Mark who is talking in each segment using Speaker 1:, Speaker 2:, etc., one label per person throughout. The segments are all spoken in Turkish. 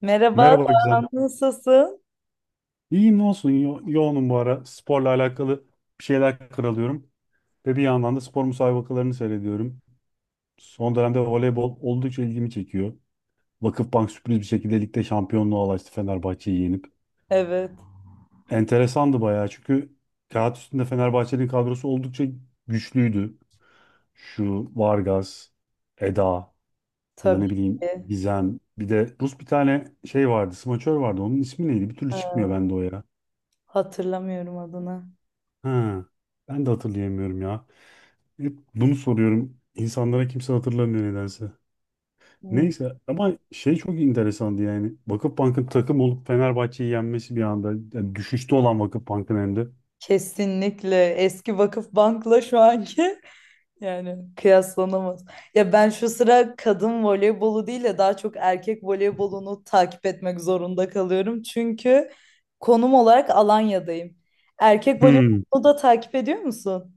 Speaker 1: Merhaba,
Speaker 2: Merhaba Gizem.
Speaker 1: Doğan, nasılsın?
Speaker 2: İyiyim ne olsun yoğunum bu ara. Sporla alakalı bir şeyler karalıyorum. Ve bir yandan da spor müsabakalarını seyrediyorum. Son dönemde voleybol oldukça ilgimi çekiyor. Vakıfbank sürpriz bir şekilde ligde şampiyonluğa ulaştı Fenerbahçe'yi yenip.
Speaker 1: Evet,
Speaker 2: Enteresandı bayağı çünkü kağıt üstünde Fenerbahçe'nin kadrosu oldukça güçlüydü. Şu Vargas, Eda ya da ne
Speaker 1: tabii
Speaker 2: bileyim
Speaker 1: ki.
Speaker 2: Gizem. Bir de Rus bir tane şey vardı, smaçör vardı. Onun ismi neydi? Bir türlü çıkmıyor
Speaker 1: Ee,
Speaker 2: bende o ya.
Speaker 1: hatırlamıyorum adını.
Speaker 2: Ha, ben de hatırlayamıyorum ya. Hep bunu soruyorum. İnsanlara kimse hatırlamıyor nedense.
Speaker 1: Hmm.
Speaker 2: Neyse ama şey çok enteresandı yani. Vakıfbank'ın takım olup Fenerbahçe'yi yenmesi bir anda. Yani düşüşte olan Vakıfbank'ın hem de.
Speaker 1: Kesinlikle eski Vakıfbank'la şu anki yani kıyaslanamaz. Ya ben şu sıra kadın voleybolu değil de daha çok erkek voleybolunu takip etmek zorunda kalıyorum. Çünkü konum olarak Alanya'dayım. Erkek
Speaker 2: Hmm.
Speaker 1: voleybolunu da takip ediyor musun?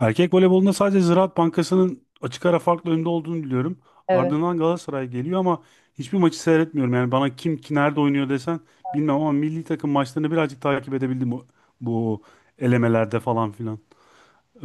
Speaker 2: Erkek voleybolunda sadece Ziraat Bankası'nın açık ara farklı önde olduğunu biliyorum.
Speaker 1: Evet.
Speaker 2: Ardından Galatasaray geliyor ama hiçbir maçı seyretmiyorum. Yani bana kim ki nerede oynuyor desen bilmem ama milli takım maçlarını birazcık takip edebildim bu elemelerde falan filan.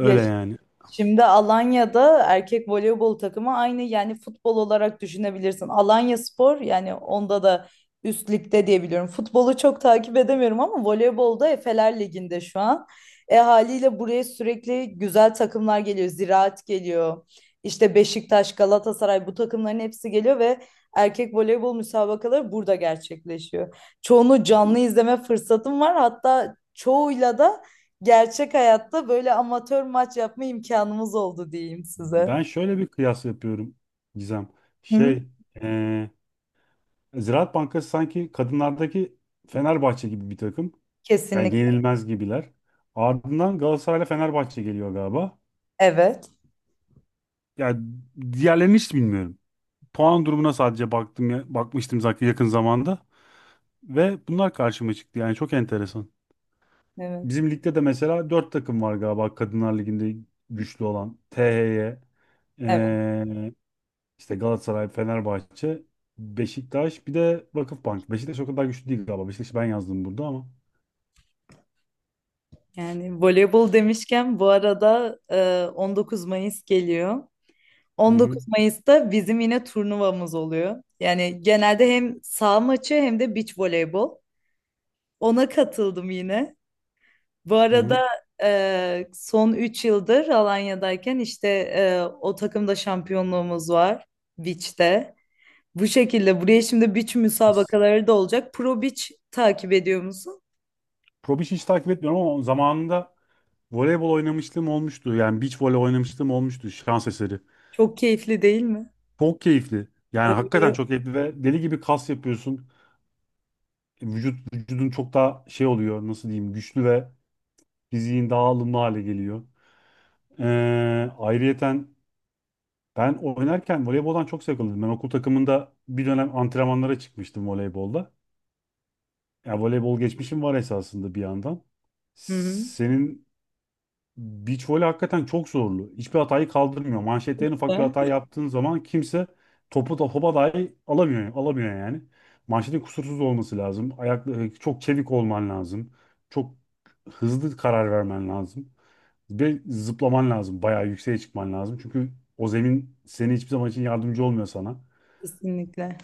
Speaker 1: Ya
Speaker 2: yani.
Speaker 1: şimdi Alanya'da erkek voleybol takımı aynı yani futbol olarak düşünebilirsin. Alanya Spor yani onda da üst ligde diye biliyorum. Futbolu çok takip edemiyorum ama voleybolda Efeler Ligi'nde şu an. E haliyle buraya sürekli güzel takımlar geliyor. Ziraat geliyor. İşte Beşiktaş, Galatasaray bu takımların hepsi geliyor ve erkek voleybol müsabakaları burada gerçekleşiyor. Çoğunu canlı izleme fırsatım var. Hatta çoğuyla da gerçek hayatta böyle amatör maç yapma imkanımız oldu diyeyim size.
Speaker 2: Ben şöyle bir kıyas yapıyorum Gizem.
Speaker 1: Hı?
Speaker 2: Şey, eee, Ziraat Bankası sanki kadınlardaki Fenerbahçe gibi bir takım. Yani
Speaker 1: Kesinlikle.
Speaker 2: yenilmez gibiler. Ardından Galatasaray'la Fenerbahçe geliyor galiba.
Speaker 1: Evet.
Speaker 2: Yani diğerlerini hiç bilmiyorum. Puan durumuna sadece baktım ya, bakmıştım zaten yakın zamanda ve bunlar karşıma çıktı. Yani çok enteresan.
Speaker 1: Evet.
Speaker 2: Bizim ligde de mesela dört takım var galiba Kadınlar Ligi'nde güçlü olan.
Speaker 1: Evet.
Speaker 2: THY, İşte Galatasaray, Fenerbahçe, Beşiktaş bir de Vakıfbank. Beşiktaş o kadar güçlü değil galiba. Beşiktaş'ı ben yazdım burada ama.
Speaker 1: Yani voleybol demişken bu arada 19 Mayıs geliyor.
Speaker 2: Hı hı,
Speaker 1: 19 Mayıs'ta bizim yine turnuvamız oluyor. Yani genelde hem saha maçı hem de beach voleybol. Ona katıldım yine. Bu
Speaker 2: hı
Speaker 1: arada
Speaker 2: hı.
Speaker 1: son 3 yıldır Alanya'dayken işte o takımda şampiyonluğumuz var beach'te. Bu şekilde buraya şimdi beach
Speaker 2: As-
Speaker 1: müsabakaları da olacak. Pro Beach takip ediyor musun?
Speaker 2: Pro Beach hiç takip etmiyorum ama zamanında voleybol oynamışlığım olmuştu. Yani beach voley oynamışlığım olmuştu şans eseri.
Speaker 1: Çok keyifli değil mi?
Speaker 2: Çok keyifli. Yani hakikaten
Speaker 1: Evet.
Speaker 2: çok keyifli ve deli gibi kas yapıyorsun. Vücudun çok daha şey oluyor nasıl diyeyim güçlü ve fiziğin daha alımlı hale geliyor. Ayrıyeten ben oynarken voleyboldan çok zevk alırdım. Ben okul takımında bir dönem antrenmanlara çıkmıştım voleybolda. Ya voleybol geçmişim var esasında bir yandan.
Speaker 1: Hı hı.
Speaker 2: Senin beach voley hakikaten çok zorlu. Hiçbir hatayı kaldırmıyor. Manşette en ufak bir
Speaker 1: Ben-
Speaker 2: hata yaptığın zaman kimse topu da hopa dahi alamıyor, alamıyor yani. Manşetin kusursuz olması lazım. Ayaklı, çok çevik olman lazım. Çok hızlı karar vermen lazım. Ve zıplaman lazım. Bayağı yükseğe çıkman lazım. Çünkü o zemin seni hiçbir zaman için yardımcı olmuyor sana.
Speaker 1: Kesinlikle.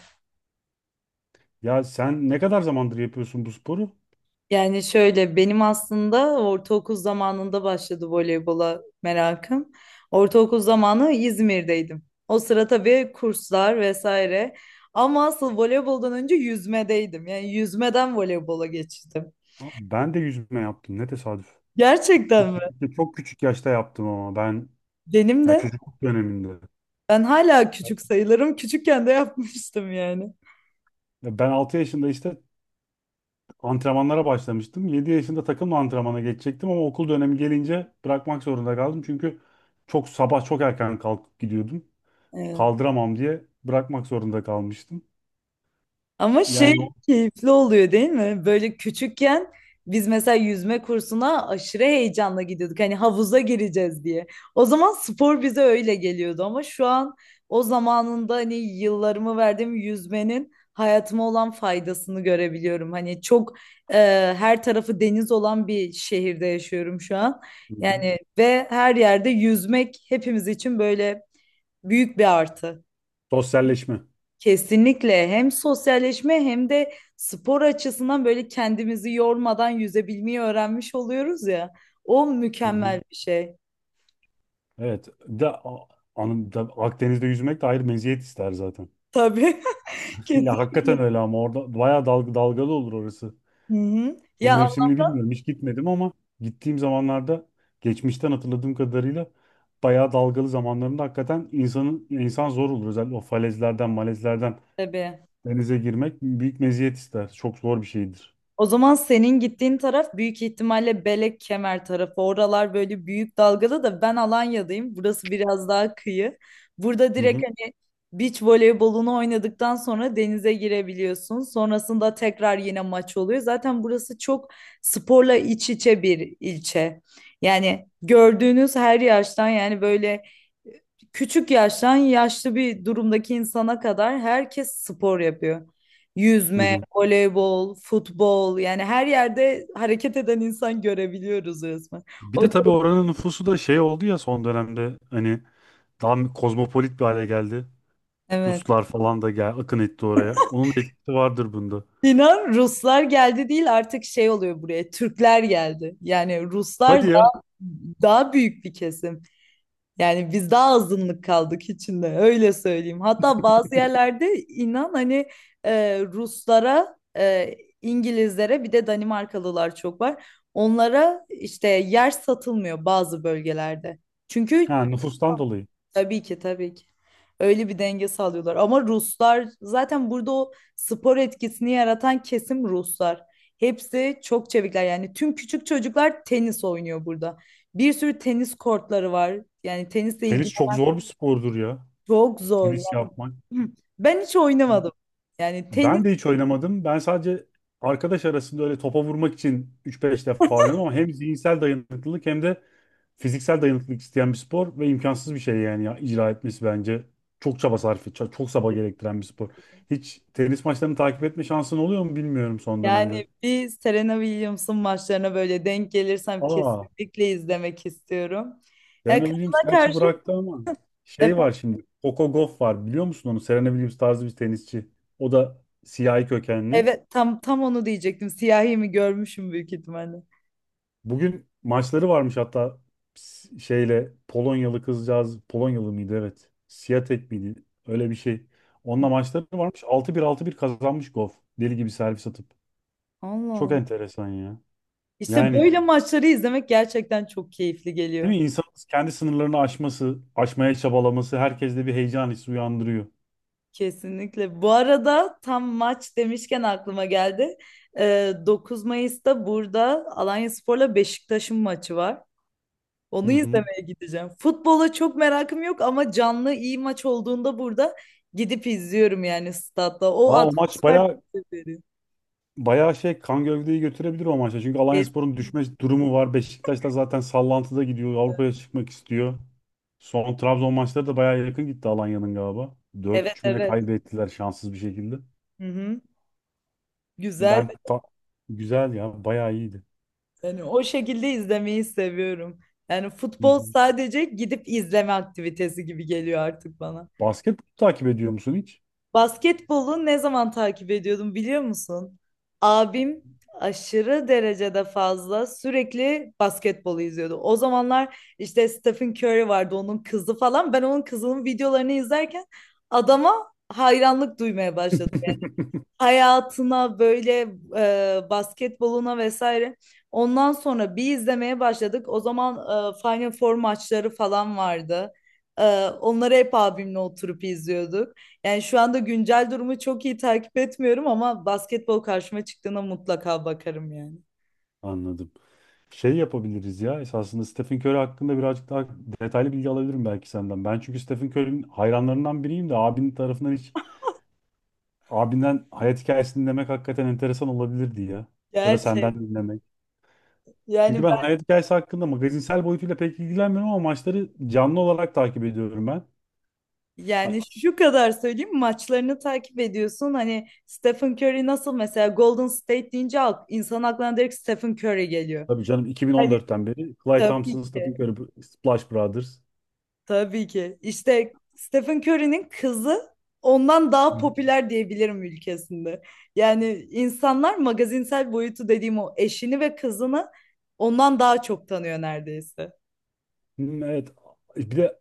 Speaker 2: Ya sen ne kadar zamandır yapıyorsun bu sporu?
Speaker 1: Yani şöyle benim aslında ortaokul zamanında başladı voleybola merakım. Ortaokul zamanı İzmir'deydim. O sıra tabii kurslar vesaire. Ama asıl voleyboldan önce yüzmedeydim. Yani yüzmeden voleybola geçtim.
Speaker 2: Abi, ben de yüzme yaptım. Ne tesadüf.
Speaker 1: Gerçekten
Speaker 2: Çok
Speaker 1: mi?
Speaker 2: küçük, çok küçük yaşta yaptım ama ben
Speaker 1: Benim
Speaker 2: yani
Speaker 1: de.
Speaker 2: çocukluk döneminde.
Speaker 1: Ben hala küçük sayılırım. Küçükken de yapmıştım yani.
Speaker 2: Ya, ben 6 yaşında işte antrenmanlara başlamıştım. 7 yaşında takımla antrenmana geçecektim ama okul dönemi gelince bırakmak zorunda kaldım. Çünkü çok sabah çok erken kalkıp gidiyordum.
Speaker 1: Evet.
Speaker 2: Kaldıramam diye bırakmak zorunda kalmıştım.
Speaker 1: Ama şey,
Speaker 2: Yani.
Speaker 1: keyifli oluyor değil mi? Böyle küçükken biz mesela yüzme kursuna aşırı heyecanla gidiyorduk. Hani havuza gireceğiz diye. O zaman spor bize öyle geliyordu ama şu an o zamanında hani yıllarımı verdiğim yüzmenin hayatıma olan faydasını görebiliyorum. Hani çok e, her tarafı deniz olan bir şehirde yaşıyorum şu an.
Speaker 2: Hı hı.
Speaker 1: Yani ve her yerde yüzmek hepimiz için böyle büyük bir artı.
Speaker 2: Sosyalleşme.
Speaker 1: Kesinlikle hem sosyalleşme hem de spor açısından böyle kendimizi yormadan yüzebilmeyi öğrenmiş oluyoruz ya. O
Speaker 2: Hı hı.
Speaker 1: mükemmel bir şey.
Speaker 2: Evet. Bir de, anım, da, Akdeniz'de yüzmek de ayrı meziyet ister zaten.
Speaker 1: Tabii,
Speaker 2: Ya hakikaten
Speaker 1: kesinlikle.
Speaker 2: öyle ama orada bayağı dalgalı olur orası.
Speaker 1: Hı hı.
Speaker 2: Bu
Speaker 1: Ya al
Speaker 2: mevsimini bilmiyorum. Hiç gitmedim ama gittiğim zamanlarda geçmişten hatırladığım kadarıyla bayağı dalgalı zamanlarında hakikaten insan zor olur. Özellikle o falezlerden, malezlerden
Speaker 1: tabii.
Speaker 2: denize girmek büyük meziyet ister. Çok zor bir şeydir.
Speaker 1: O zaman senin gittiğin taraf büyük ihtimalle Belek Kemer tarafı. Oralar böyle büyük dalgalı da ben Alanya'dayım. Burası biraz daha kıyı. Burada
Speaker 2: Hı
Speaker 1: direkt
Speaker 2: hı.
Speaker 1: hani beach voleybolunu oynadıktan sonra denize girebiliyorsun. Sonrasında tekrar yine maç oluyor. Zaten burası çok sporla iç içe bir ilçe. Yani gördüğünüz her yaştan yani böyle küçük yaştan yaşlı bir durumdaki insana kadar herkes spor yapıyor.
Speaker 2: Hı
Speaker 1: Yüzme,
Speaker 2: hı.
Speaker 1: voleybol, futbol yani her yerde hareket eden insan görebiliyoruz resmen.
Speaker 2: Bir
Speaker 1: O
Speaker 2: de
Speaker 1: çok
Speaker 2: tabii oranın nüfusu da şey oldu ya son dönemde hani daha kozmopolit bir hale geldi.
Speaker 1: evet.
Speaker 2: Ruslar falan da gel akın etti oraya. Onun da etkisi vardır bunda.
Speaker 1: İnan Ruslar geldi değil artık şey oluyor buraya Türkler geldi. Yani Ruslar
Speaker 2: Hadi ya.
Speaker 1: daha büyük bir kesim. Yani biz daha azınlık kaldık içinde öyle söyleyeyim. Hatta bazı yerlerde inan hani Ruslara, İngilizlere bir de Danimarkalılar çok var. Onlara işte yer satılmıyor bazı bölgelerde. Çünkü
Speaker 2: Ha, nüfustan dolayı.
Speaker 1: tabii ki tabii ki. Öyle bir denge sağlıyorlar. Ama Ruslar zaten burada o spor etkisini yaratan kesim Ruslar. Hepsi çok çevikler. Yani tüm küçük çocuklar tenis oynuyor burada. Bir sürü tenis kortları var. Yani tenisle ilgili
Speaker 2: Tenis çok zor bir spordur ya.
Speaker 1: çok zor.
Speaker 2: Tenis yapmak.
Speaker 1: Yani, ben hiç oynamadım. Yani tenis
Speaker 2: Ben de hiç oynamadım. Ben sadece arkadaş arasında öyle topa vurmak için üç beş defa oynadım ama hem zihinsel dayanıklılık hem de fiziksel dayanıklılık isteyen bir spor ve imkansız bir şey yani ya icra etmesi bence. Çok çaba sarf et, çok çaba gerektiren bir spor. Hiç tenis maçlarını takip etme şansın oluyor mu bilmiyorum son dönemde.
Speaker 1: yani bir Serena Williams'ın maçlarına böyle denk gelirsem
Speaker 2: Aa,
Speaker 1: kesinlikle izlemek istiyorum.
Speaker 2: Serena Williams
Speaker 1: Kadına
Speaker 2: gerçi
Speaker 1: karşı
Speaker 2: bıraktı ama şey var şimdi. Coco Gauff var. Biliyor musun onu? Serena Williams tarzı bir tenisçi. O da siyahi kökenli.
Speaker 1: evet tam onu diyecektim. Siyahi mi görmüşüm büyük ihtimalle.
Speaker 2: Bugün maçları varmış hatta şeyle Polonyalı kızcağız. Polonyalı mıydı? Evet. Siatek miydi? Öyle bir şey. Onunla maçları varmış. 6-1 6-1 kazanmış Gauff. Deli gibi servis atıp.
Speaker 1: Allah
Speaker 2: Çok
Speaker 1: Allah.
Speaker 2: enteresan ya.
Speaker 1: İşte
Speaker 2: Yani
Speaker 1: böyle maçları izlemek gerçekten çok keyifli geliyor.
Speaker 2: değil mi? İnsanın kendi sınırlarını aşması, aşmaya çabalaması herkeste bir heyecan hissi uyandırıyor.
Speaker 1: Kesinlikle. Bu arada tam maç demişken aklıma geldi. 9 Mayıs'ta burada Alanyaspor'la Beşiktaş'ın maçı var.
Speaker 2: Hı
Speaker 1: Onu
Speaker 2: hı.
Speaker 1: izlemeye gideceğim. Futbola çok merakım yok ama canlı iyi maç olduğunda burada gidip izliyorum yani statta. O
Speaker 2: Aa, o maç
Speaker 1: atmosfer
Speaker 2: bayağı
Speaker 1: çok güzel.
Speaker 2: bayağı şey kan gövdeyi götürebilir o maçta. Çünkü Alanyaspor'un düşme durumu var. Beşiktaş da zaten sallantıda gidiyor. Avrupa'ya çıkmak istiyor. Son Trabzon maçları da bayağı yakın gitti Alanya'nın galiba. Dört
Speaker 1: Evet,
Speaker 2: üç müne
Speaker 1: evet.
Speaker 2: kaybettiler şanssız bir şekilde.
Speaker 1: Hı hı. Güzel.
Speaker 2: Ben ta- Güzel ya bayağı iyiydi.
Speaker 1: Yani o şekilde izlemeyi seviyorum. Yani
Speaker 2: Hı
Speaker 1: futbol
Speaker 2: hı.
Speaker 1: sadece gidip izleme aktivitesi gibi geliyor artık bana.
Speaker 2: Basketbol takip ediyor musun hiç?
Speaker 1: Basketbolu ne zaman takip ediyordum biliyor musun? Abim aşırı derecede fazla sürekli basketbolu izliyordu. O zamanlar işte Stephen Curry vardı onun kızı falan. Ben onun kızının videolarını izlerken adama hayranlık duymaya başladım, hayatına böyle basketboluna vesaire. Ondan sonra bir izlemeye başladık. O zaman Final Four maçları falan vardı. Onları hep abimle oturup izliyorduk. Yani şu anda güncel durumu çok iyi takip etmiyorum ama basketbol karşıma çıktığına mutlaka bakarım yani.
Speaker 2: Anladım. Şey yapabiliriz ya esasında Stephen Curry hakkında birazcık daha detaylı bilgi alabilirim belki senden. Ben çünkü Stephen Curry'nin hayranlarından biriyim de abinin tarafından hiç. Abinden hayat hikayesini dinlemek hakikaten enteresan olabilirdi ya. Ya da senden
Speaker 1: Gerçek.
Speaker 2: dinlemek.
Speaker 1: Yani
Speaker 2: Çünkü ben
Speaker 1: ben
Speaker 2: hayat hikayesi hakkında magazinsel boyutuyla pek ilgilenmiyorum ama maçları canlı olarak takip ediyorum ben.
Speaker 1: yani
Speaker 2: Ay,
Speaker 1: şu kadar söyleyeyim maçlarını takip ediyorsun. Hani Stephen Curry nasıl mesela Golden State deyince insan aklına direkt Stephen Curry geliyor.
Speaker 2: tabii canım
Speaker 1: Hani
Speaker 2: 2014'ten beri. Clay
Speaker 1: tabii
Speaker 2: Thompson, Stephen
Speaker 1: ki.
Speaker 2: Curry, Splash Brothers.
Speaker 1: Tabii ki. İşte Stephen Curry'nin kızı ondan daha
Speaker 2: Hı.
Speaker 1: popüler diyebilirim ülkesinde. Yani insanlar magazinsel boyutu dediğim o eşini ve kızını ondan daha çok tanıyor neredeyse.
Speaker 2: Hmm, evet. Bir de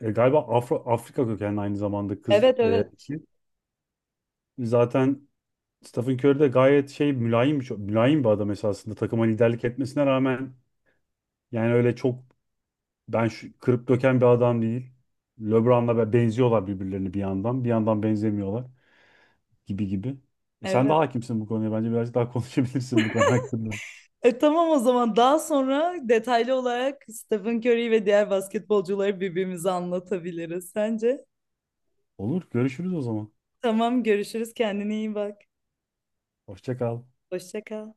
Speaker 2: galiba Afrika kökenli aynı zamanda kız.
Speaker 1: Evet, evet.
Speaker 2: Şey. Zaten Stephen Curry de gayet şey mülayim, çok mülayim bir adam esasında. Takıma liderlik etmesine rağmen yani öyle çok kırıp döken bir adam değil. LeBron'la benziyorlar birbirlerini bir yandan. Bir yandan benzemiyorlar gibi gibi. Sen de
Speaker 1: Evet.
Speaker 2: hakimsin bu konuya. Bence birazcık daha konuşabilirsin bu konu hakkında.
Speaker 1: Tamam o zaman daha sonra detaylı olarak Stephen Curry ve diğer basketbolcuları birbirimize anlatabiliriz sence?
Speaker 2: Olur. Görüşürüz o zaman.
Speaker 1: Tamam görüşürüz. Kendine iyi bak.
Speaker 2: Hoşça kal.
Speaker 1: Hoşça kal.